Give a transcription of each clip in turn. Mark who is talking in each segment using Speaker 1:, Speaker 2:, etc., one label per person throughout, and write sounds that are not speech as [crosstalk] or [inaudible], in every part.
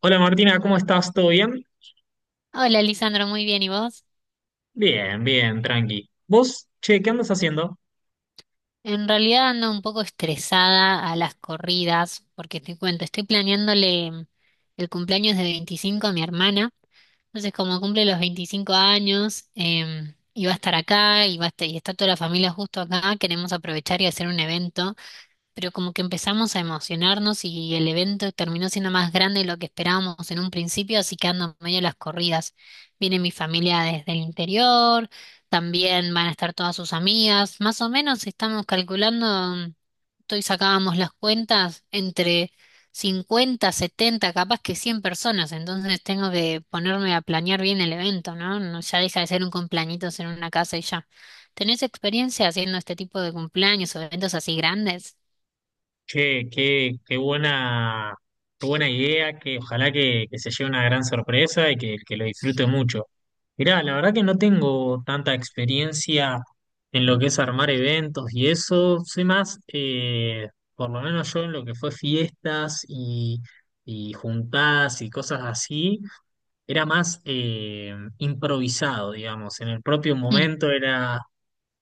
Speaker 1: Hola Martina, ¿cómo estás? ¿Todo bien?
Speaker 2: Hola, Lisandro, muy bien, ¿y vos?
Speaker 1: Bien, bien, tranqui. ¿Vos, che, qué andas haciendo?
Speaker 2: En realidad ando un poco estresada a las corridas, porque te cuento, estoy planeándole el cumpleaños de 25 a mi hermana, entonces como cumple los 25 años, y va a estar acá, y está toda la familia justo acá, queremos aprovechar y hacer un evento, pero como que empezamos a emocionarnos y el evento terminó siendo más grande de lo que esperábamos en un principio, así que ando medio a las corridas. Viene mi familia desde el interior, también van a estar todas sus amigas. Más o menos estamos calculando, hoy sacábamos las cuentas entre 50, 70, capaz que 100 personas, entonces tengo que ponerme a planear bien el evento, ¿no? No, ya deja de ser un cumpleañitos en una casa y ya. ¿Tenés experiencia haciendo este tipo de cumpleaños o eventos así grandes?
Speaker 1: Che, qué, qué buena idea, que ojalá que se lleve una gran sorpresa y que lo disfrute mucho. Mirá, la verdad que no tengo tanta experiencia en lo que es armar eventos y eso. Soy más, por lo menos yo en lo que fue fiestas y juntadas y cosas así. Era más improvisado, digamos. En el propio
Speaker 2: Mm.
Speaker 1: momento era,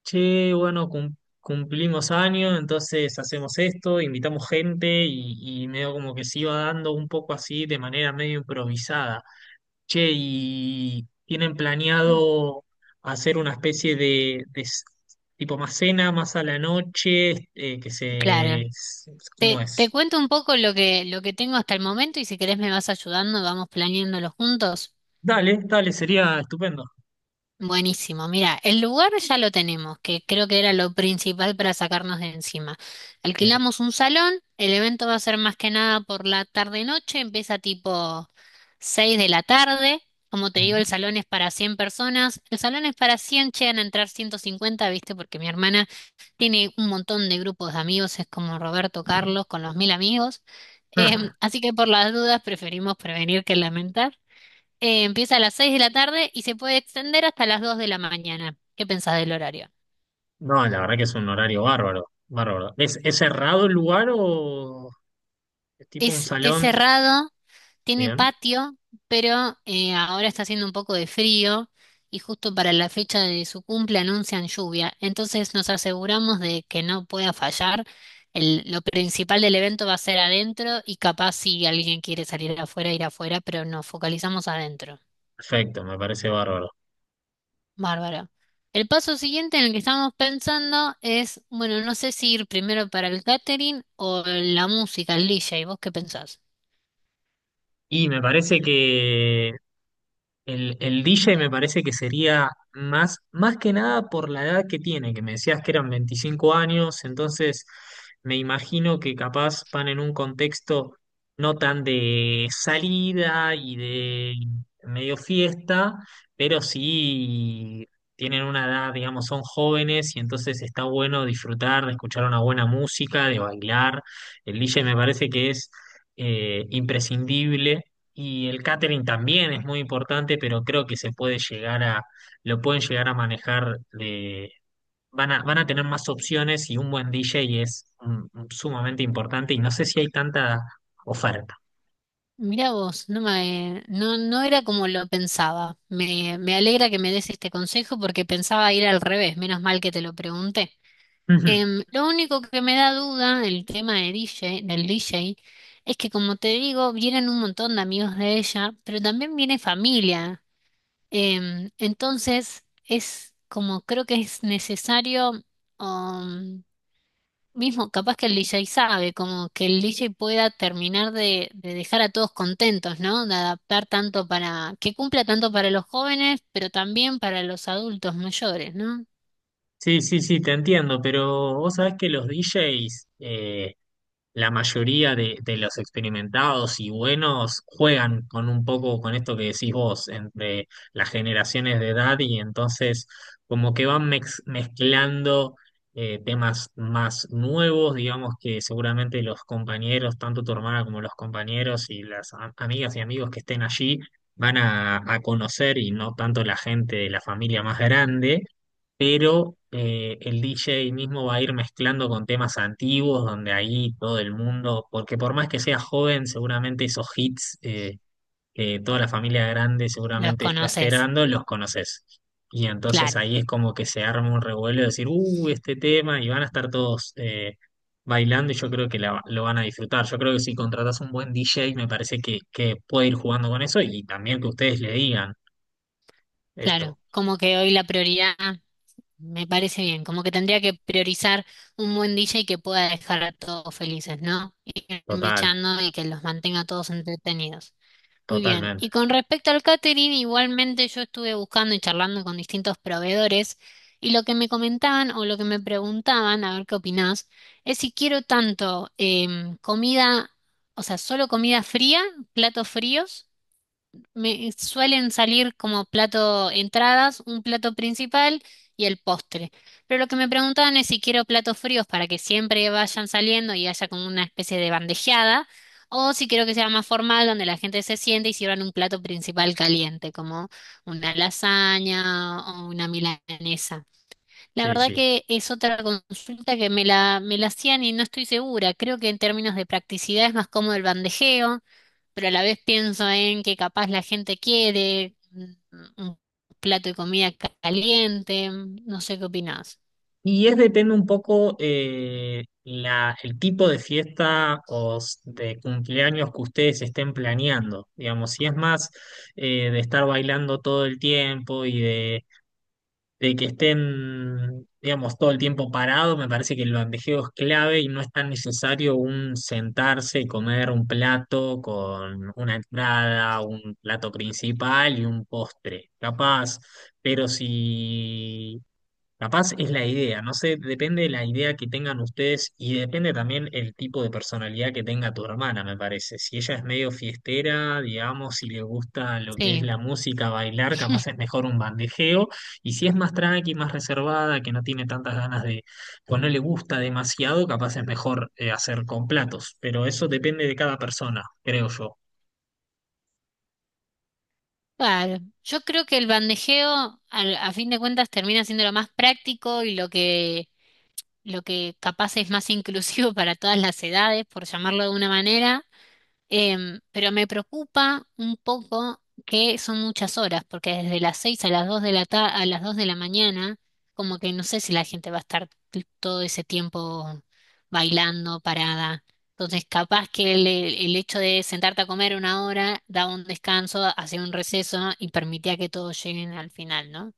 Speaker 1: che, bueno, cumplimos años, entonces hacemos esto, invitamos gente y medio como que se iba dando un poco así de manera medio improvisada. Che, y tienen planeado hacer una especie de tipo más cena, más a la noche,
Speaker 2: Claro.
Speaker 1: ¿Cómo
Speaker 2: Te,
Speaker 1: es?
Speaker 2: cuento un poco lo que, tengo hasta el momento y si querés me vas ayudando, vamos planeándolo juntos.
Speaker 1: Dale, dale, sería estupendo.
Speaker 2: Buenísimo, mira, el lugar ya lo tenemos, que creo que era lo principal para sacarnos de encima.
Speaker 1: Bien.
Speaker 2: Alquilamos un salón, el evento va a ser más que nada por la tarde-noche, empieza tipo 6 de la tarde. Como te digo, el
Speaker 1: Ujú.
Speaker 2: salón es para 100 personas. El salón es para 100, llegan a entrar 150, ¿viste? Porque mi hermana tiene un montón de grupos de amigos, es como Roberto Carlos con los mil amigos.
Speaker 1: [laughs]
Speaker 2: Así que por las dudas preferimos prevenir que lamentar. Empieza a las 6 de la tarde y se puede extender hasta las 2 de la mañana. ¿Qué pensás del horario?
Speaker 1: No, la verdad que es un horario bárbaro. Es cerrado el lugar o es tipo un
Speaker 2: Es,
Speaker 1: salón?
Speaker 2: cerrado, tiene
Speaker 1: Bien,
Speaker 2: patio, pero ahora está haciendo un poco de frío y justo para la fecha de su cumple anuncian lluvia. Entonces nos aseguramos de que no pueda fallar. Lo principal del evento va a ser adentro y capaz si alguien quiere salir afuera, ir afuera, pero nos focalizamos adentro.
Speaker 1: perfecto, me parece bárbaro.
Speaker 2: Bárbaro. El paso siguiente en el que estamos pensando es, bueno, no sé si ir primero para el catering o la música, el DJ. ¿Vos qué pensás?
Speaker 1: Y me parece que el DJ me parece que sería más que nada por la edad que tiene, que me decías que eran 25 años, entonces me imagino que capaz van en un contexto no tan de salida y de medio fiesta, pero sí tienen una edad, digamos, son jóvenes y entonces está bueno disfrutar, de escuchar una buena música, de bailar. El DJ me parece que es imprescindible y el catering también es muy importante, pero creo que se puede llegar lo pueden llegar a manejar, van a tener más opciones y un buen DJ es sumamente importante y no sé si hay tanta oferta.
Speaker 2: Mirá vos, no me, no, no era como lo pensaba. Me, alegra que me des este consejo porque pensaba ir al revés, menos mal que te lo pregunté.
Speaker 1: [laughs] Ujú.
Speaker 2: Lo único que me da duda el tema de DJ, es que como te digo, vienen un montón de amigos de ella, pero también viene familia. Entonces, es como creo que es necesario, um, mismo capaz que el DJ sabe, como que el DJ pueda terminar de dejar a todos contentos, ¿no? De adaptar tanto para, que cumpla tanto para los jóvenes, pero también para los adultos mayores, ¿no?
Speaker 1: Sí, sí, sí, te entiendo, pero vos sabés que los DJs, la mayoría de los experimentados y buenos juegan con un poco con esto que decís vos, entre las generaciones de edad y entonces como que van mezclando temas más nuevos, digamos que seguramente los compañeros, tanto tu hermana como los compañeros y las amigas y amigos que estén allí, van a conocer y no tanto la gente de la familia más grande, pero el DJ mismo va a ir mezclando con temas antiguos, donde ahí todo el mundo, porque por más que sea joven, seguramente esos hits que toda la familia grande
Speaker 2: Los
Speaker 1: seguramente está
Speaker 2: conoces,
Speaker 1: esperando, los conoces. Y entonces
Speaker 2: claro,
Speaker 1: ahí es como que se arma un revuelo de decir, este tema, y van a estar todos bailando, y yo creo que lo van a disfrutar. Yo creo que si contratas un buen DJ, me parece que puede ir jugando con eso, y también que ustedes le digan
Speaker 2: claro.
Speaker 1: esto,
Speaker 2: Como que hoy la prioridad. Me parece bien, como que tendría que priorizar un buen DJ que pueda dejar a todos felices, ¿no? Irme
Speaker 1: total,
Speaker 2: echando y que los mantenga a todos entretenidos. Muy bien,
Speaker 1: totalmente.
Speaker 2: y con respecto al catering, igualmente yo estuve buscando y charlando con distintos proveedores, y lo que me comentaban o lo que me preguntaban, a ver qué opinás, es si quiero tanto comida, o sea, solo comida fría, platos fríos me suelen salir como plato entradas, un plato principal y el postre. Pero lo que me preguntaban es si quiero platos fríos para que siempre vayan saliendo y haya como una especie de bandejeada, o si quiero que sea más formal, donde la gente se siente y sirvan un plato principal caliente, como una lasaña o una milanesa. La
Speaker 1: Sí,
Speaker 2: verdad
Speaker 1: sí.
Speaker 2: que es otra consulta que me la, hacían y no estoy segura. Creo que en términos de practicidad es más cómodo el bandejeo, pero a la vez pienso en que capaz la gente quiere un plato de comida caliente, no sé qué opinás.
Speaker 1: Y es depende un poco la, el tipo de fiesta o de cumpleaños que ustedes estén planeando. Digamos, si es más de estar bailando todo el tiempo de que estén, digamos, todo el tiempo parado, me parece que el bandejeo es clave y no es tan necesario un sentarse y comer un plato con una entrada, un plato principal y un postre. Capaz. Pero si capaz es la idea, no sé, depende de la idea que tengan ustedes y depende también el tipo de personalidad que tenga tu hermana, me parece. Si ella es medio fiestera, digamos, si le gusta lo que es
Speaker 2: Sí,
Speaker 1: la música, bailar, capaz es mejor un bandejeo. Y si es más tranqui, más reservada, que no tiene tantas ganas o no le gusta demasiado, capaz es mejor hacer con platos. Pero eso depende de cada persona, creo yo.
Speaker 2: claro. Yo creo que el bandejeo fin de cuentas termina siendo lo más práctico y lo que, capaz es más inclusivo [laughs] para todas las edades, por llamarlo de una manera. Pero me preocupa un poco que son muchas horas, porque desde las 6 a las 2 de a las 2 de la mañana, como que no sé si la gente va a estar todo ese tiempo bailando, parada. Entonces, capaz que el, hecho de sentarte a comer una hora daba un descanso, hacía un receso y permitía que todos lleguen al final, ¿no?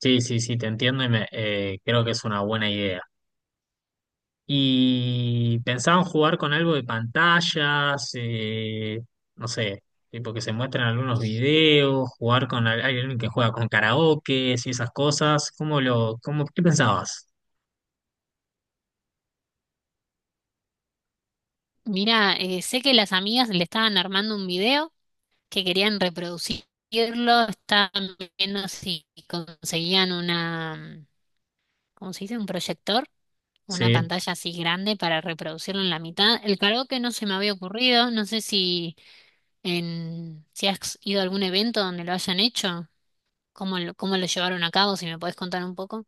Speaker 1: Sí, sí, sí, te entiendo y me, creo que es una buena idea. Y pensaban jugar con algo de pantallas, no sé, tipo que se muestran algunos videos, jugar con alguien que juega con karaoke y esas cosas. ¿Cómo lo, cómo, qué pensabas?
Speaker 2: Mira, sé que las amigas le estaban armando un video, que querían reproducirlo. Estaban viendo si conseguían una, ¿cómo se dice? Un proyector, una
Speaker 1: Sí.
Speaker 2: pantalla así grande para reproducirlo en la mitad. El karaoke no se me había ocurrido, no sé si si has ido a algún evento donde lo hayan hecho, cómo lo llevaron a cabo, si me podés contar un poco.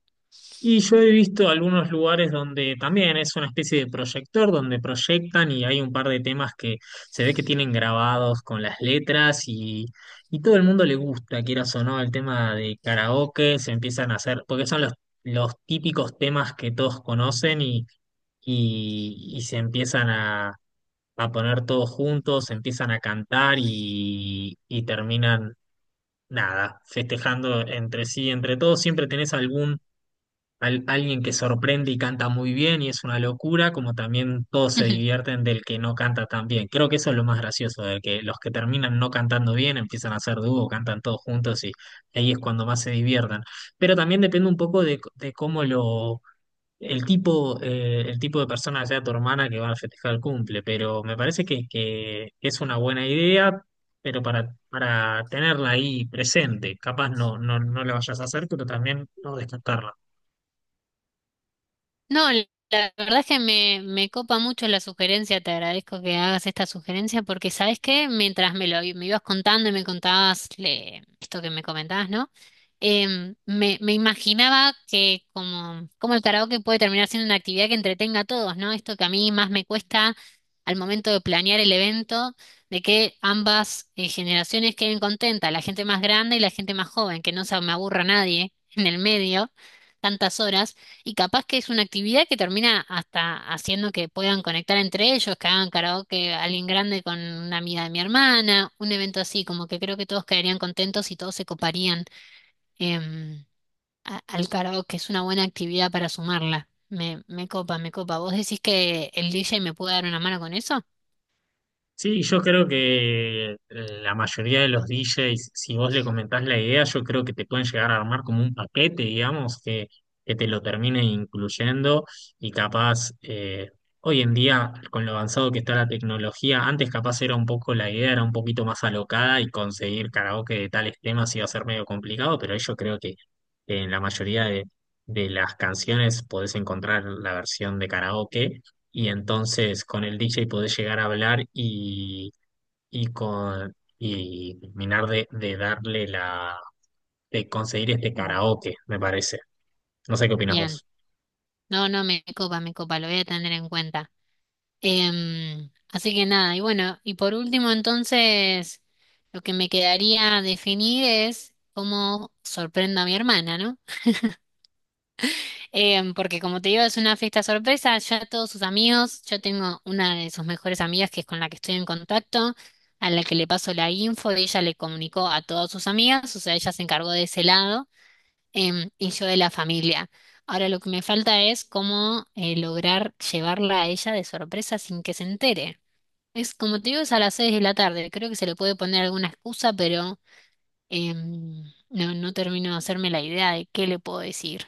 Speaker 1: Y yo he visto algunos lugares donde también es una especie de proyector donde proyectan y hay un par de temas que se ve que tienen grabados con las y todo el mundo le gusta, quieras o no, el tema de karaoke, se empiezan a hacer, porque son los típicos temas que todos conocen y se empiezan a poner todos juntos, se empiezan a y terminan, nada, festejando entre sí, entre todos. Siempre tenés algún alguien que sorprende y canta muy bien y es una locura, como también todos
Speaker 2: [laughs]
Speaker 1: se
Speaker 2: Ujú.
Speaker 1: divierten del que no canta tan bien. Creo que eso es lo más gracioso, de que los que terminan no cantando bien empiezan a hacer dúo, cantan todos juntos y ahí es cuando más se diviertan. Pero también depende un poco de cómo lo... el tipo de persona que sea tu hermana que va a festejar el cumple, pero me parece que es una buena idea, pero para tenerla ahí presente, capaz no la vayas a hacer, pero también no descartarla.
Speaker 2: No, la verdad es que me, copa mucho la sugerencia, te agradezco que hagas esta sugerencia porque, ¿sabes qué? Mientras me lo i- me ibas contando y me contabas esto que me comentabas, ¿no? Me, imaginaba que como, como el karaoke puede terminar siendo una actividad que entretenga a todos, ¿no? Esto que a mí más me cuesta al momento de planear el evento, de que ambas generaciones queden contentas, la gente más grande y la gente más joven, que no se me aburra nadie [laughs] en el medio, tantas horas, y capaz que es una actividad que termina hasta haciendo que puedan conectar entre ellos, que hagan karaoke alguien grande con una amiga de mi hermana, un evento así, como que creo que todos quedarían contentos y todos se coparían em, al karaoke. Es una buena actividad para sumarla. Me, copa, me copa. ¿Vos decís que el DJ me puede dar una mano con eso?
Speaker 1: Sí, yo creo que la mayoría de los DJs, si vos le comentás la idea, yo creo que te pueden llegar a armar como un paquete, que te lo termine incluyendo y capaz, hoy en día, con lo avanzado que está la tecnología, antes capaz era un poco, la idea era un poquito más alocada y conseguir karaoke de tales temas iba a ser medio complicado, pero ahí yo creo que en la mayoría de las canciones podés encontrar la versión de karaoke y entonces con el DJ podés llegar a hablar y terminar de darle de conseguir este
Speaker 2: Como.
Speaker 1: karaoke, me parece. No sé qué opinas
Speaker 2: Bien.
Speaker 1: vos.
Speaker 2: No, no, me copa, me copa. Lo voy a tener en cuenta. Así que nada, y bueno, y por último entonces, lo que me quedaría definir es cómo sorprendo a mi hermana, ¿no? Porque como te digo, es una fiesta sorpresa. Ya todos sus amigos, yo tengo una de sus mejores amigas que es con la que estoy en contacto, a la que le paso la info, y ella le comunicó a todas sus amigas, o sea, ella se encargó de ese lado, y yo de la familia. Ahora lo que me falta es cómo lograr llevarla a ella de sorpresa sin que se entere. Es como te digo, es a las seis de la tarde, creo que se le puede poner alguna excusa, pero em, no, no termino de hacerme la idea de qué le puedo decir.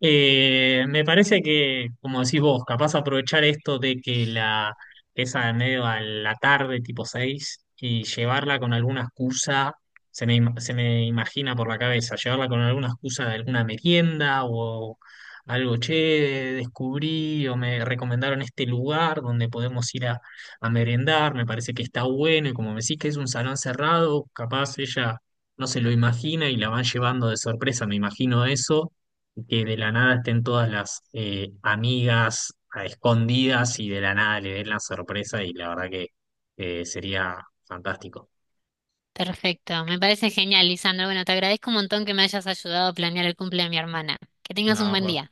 Speaker 1: Me parece que, como decís vos, capaz aprovechar esto de que la esa de medio a la tarde, tipo 6 y llevarla con alguna excusa, se me imagina por la cabeza, llevarla con alguna excusa de alguna merienda o algo, che, descubrí o me recomendaron este lugar donde podemos ir a merendar, me parece que está bueno, y como me decís que es un salón cerrado, capaz ella no se lo imagina y la van llevando de sorpresa, me imagino eso que de la nada estén todas las amigas a escondidas y de la nada le den la sorpresa y la verdad que sería fantástico.
Speaker 2: Perfecto, me parece genial, Lisandro. Bueno, te agradezco un montón que me hayas ayudado a planear el cumple de mi hermana. Que tengas un
Speaker 1: No,
Speaker 2: buen
Speaker 1: por,
Speaker 2: día.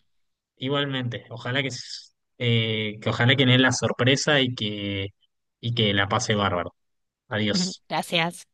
Speaker 1: igualmente, ojalá que ojalá que den la sorpresa y y que la pase bárbaro.
Speaker 2: [laughs]
Speaker 1: Adiós.
Speaker 2: Gracias.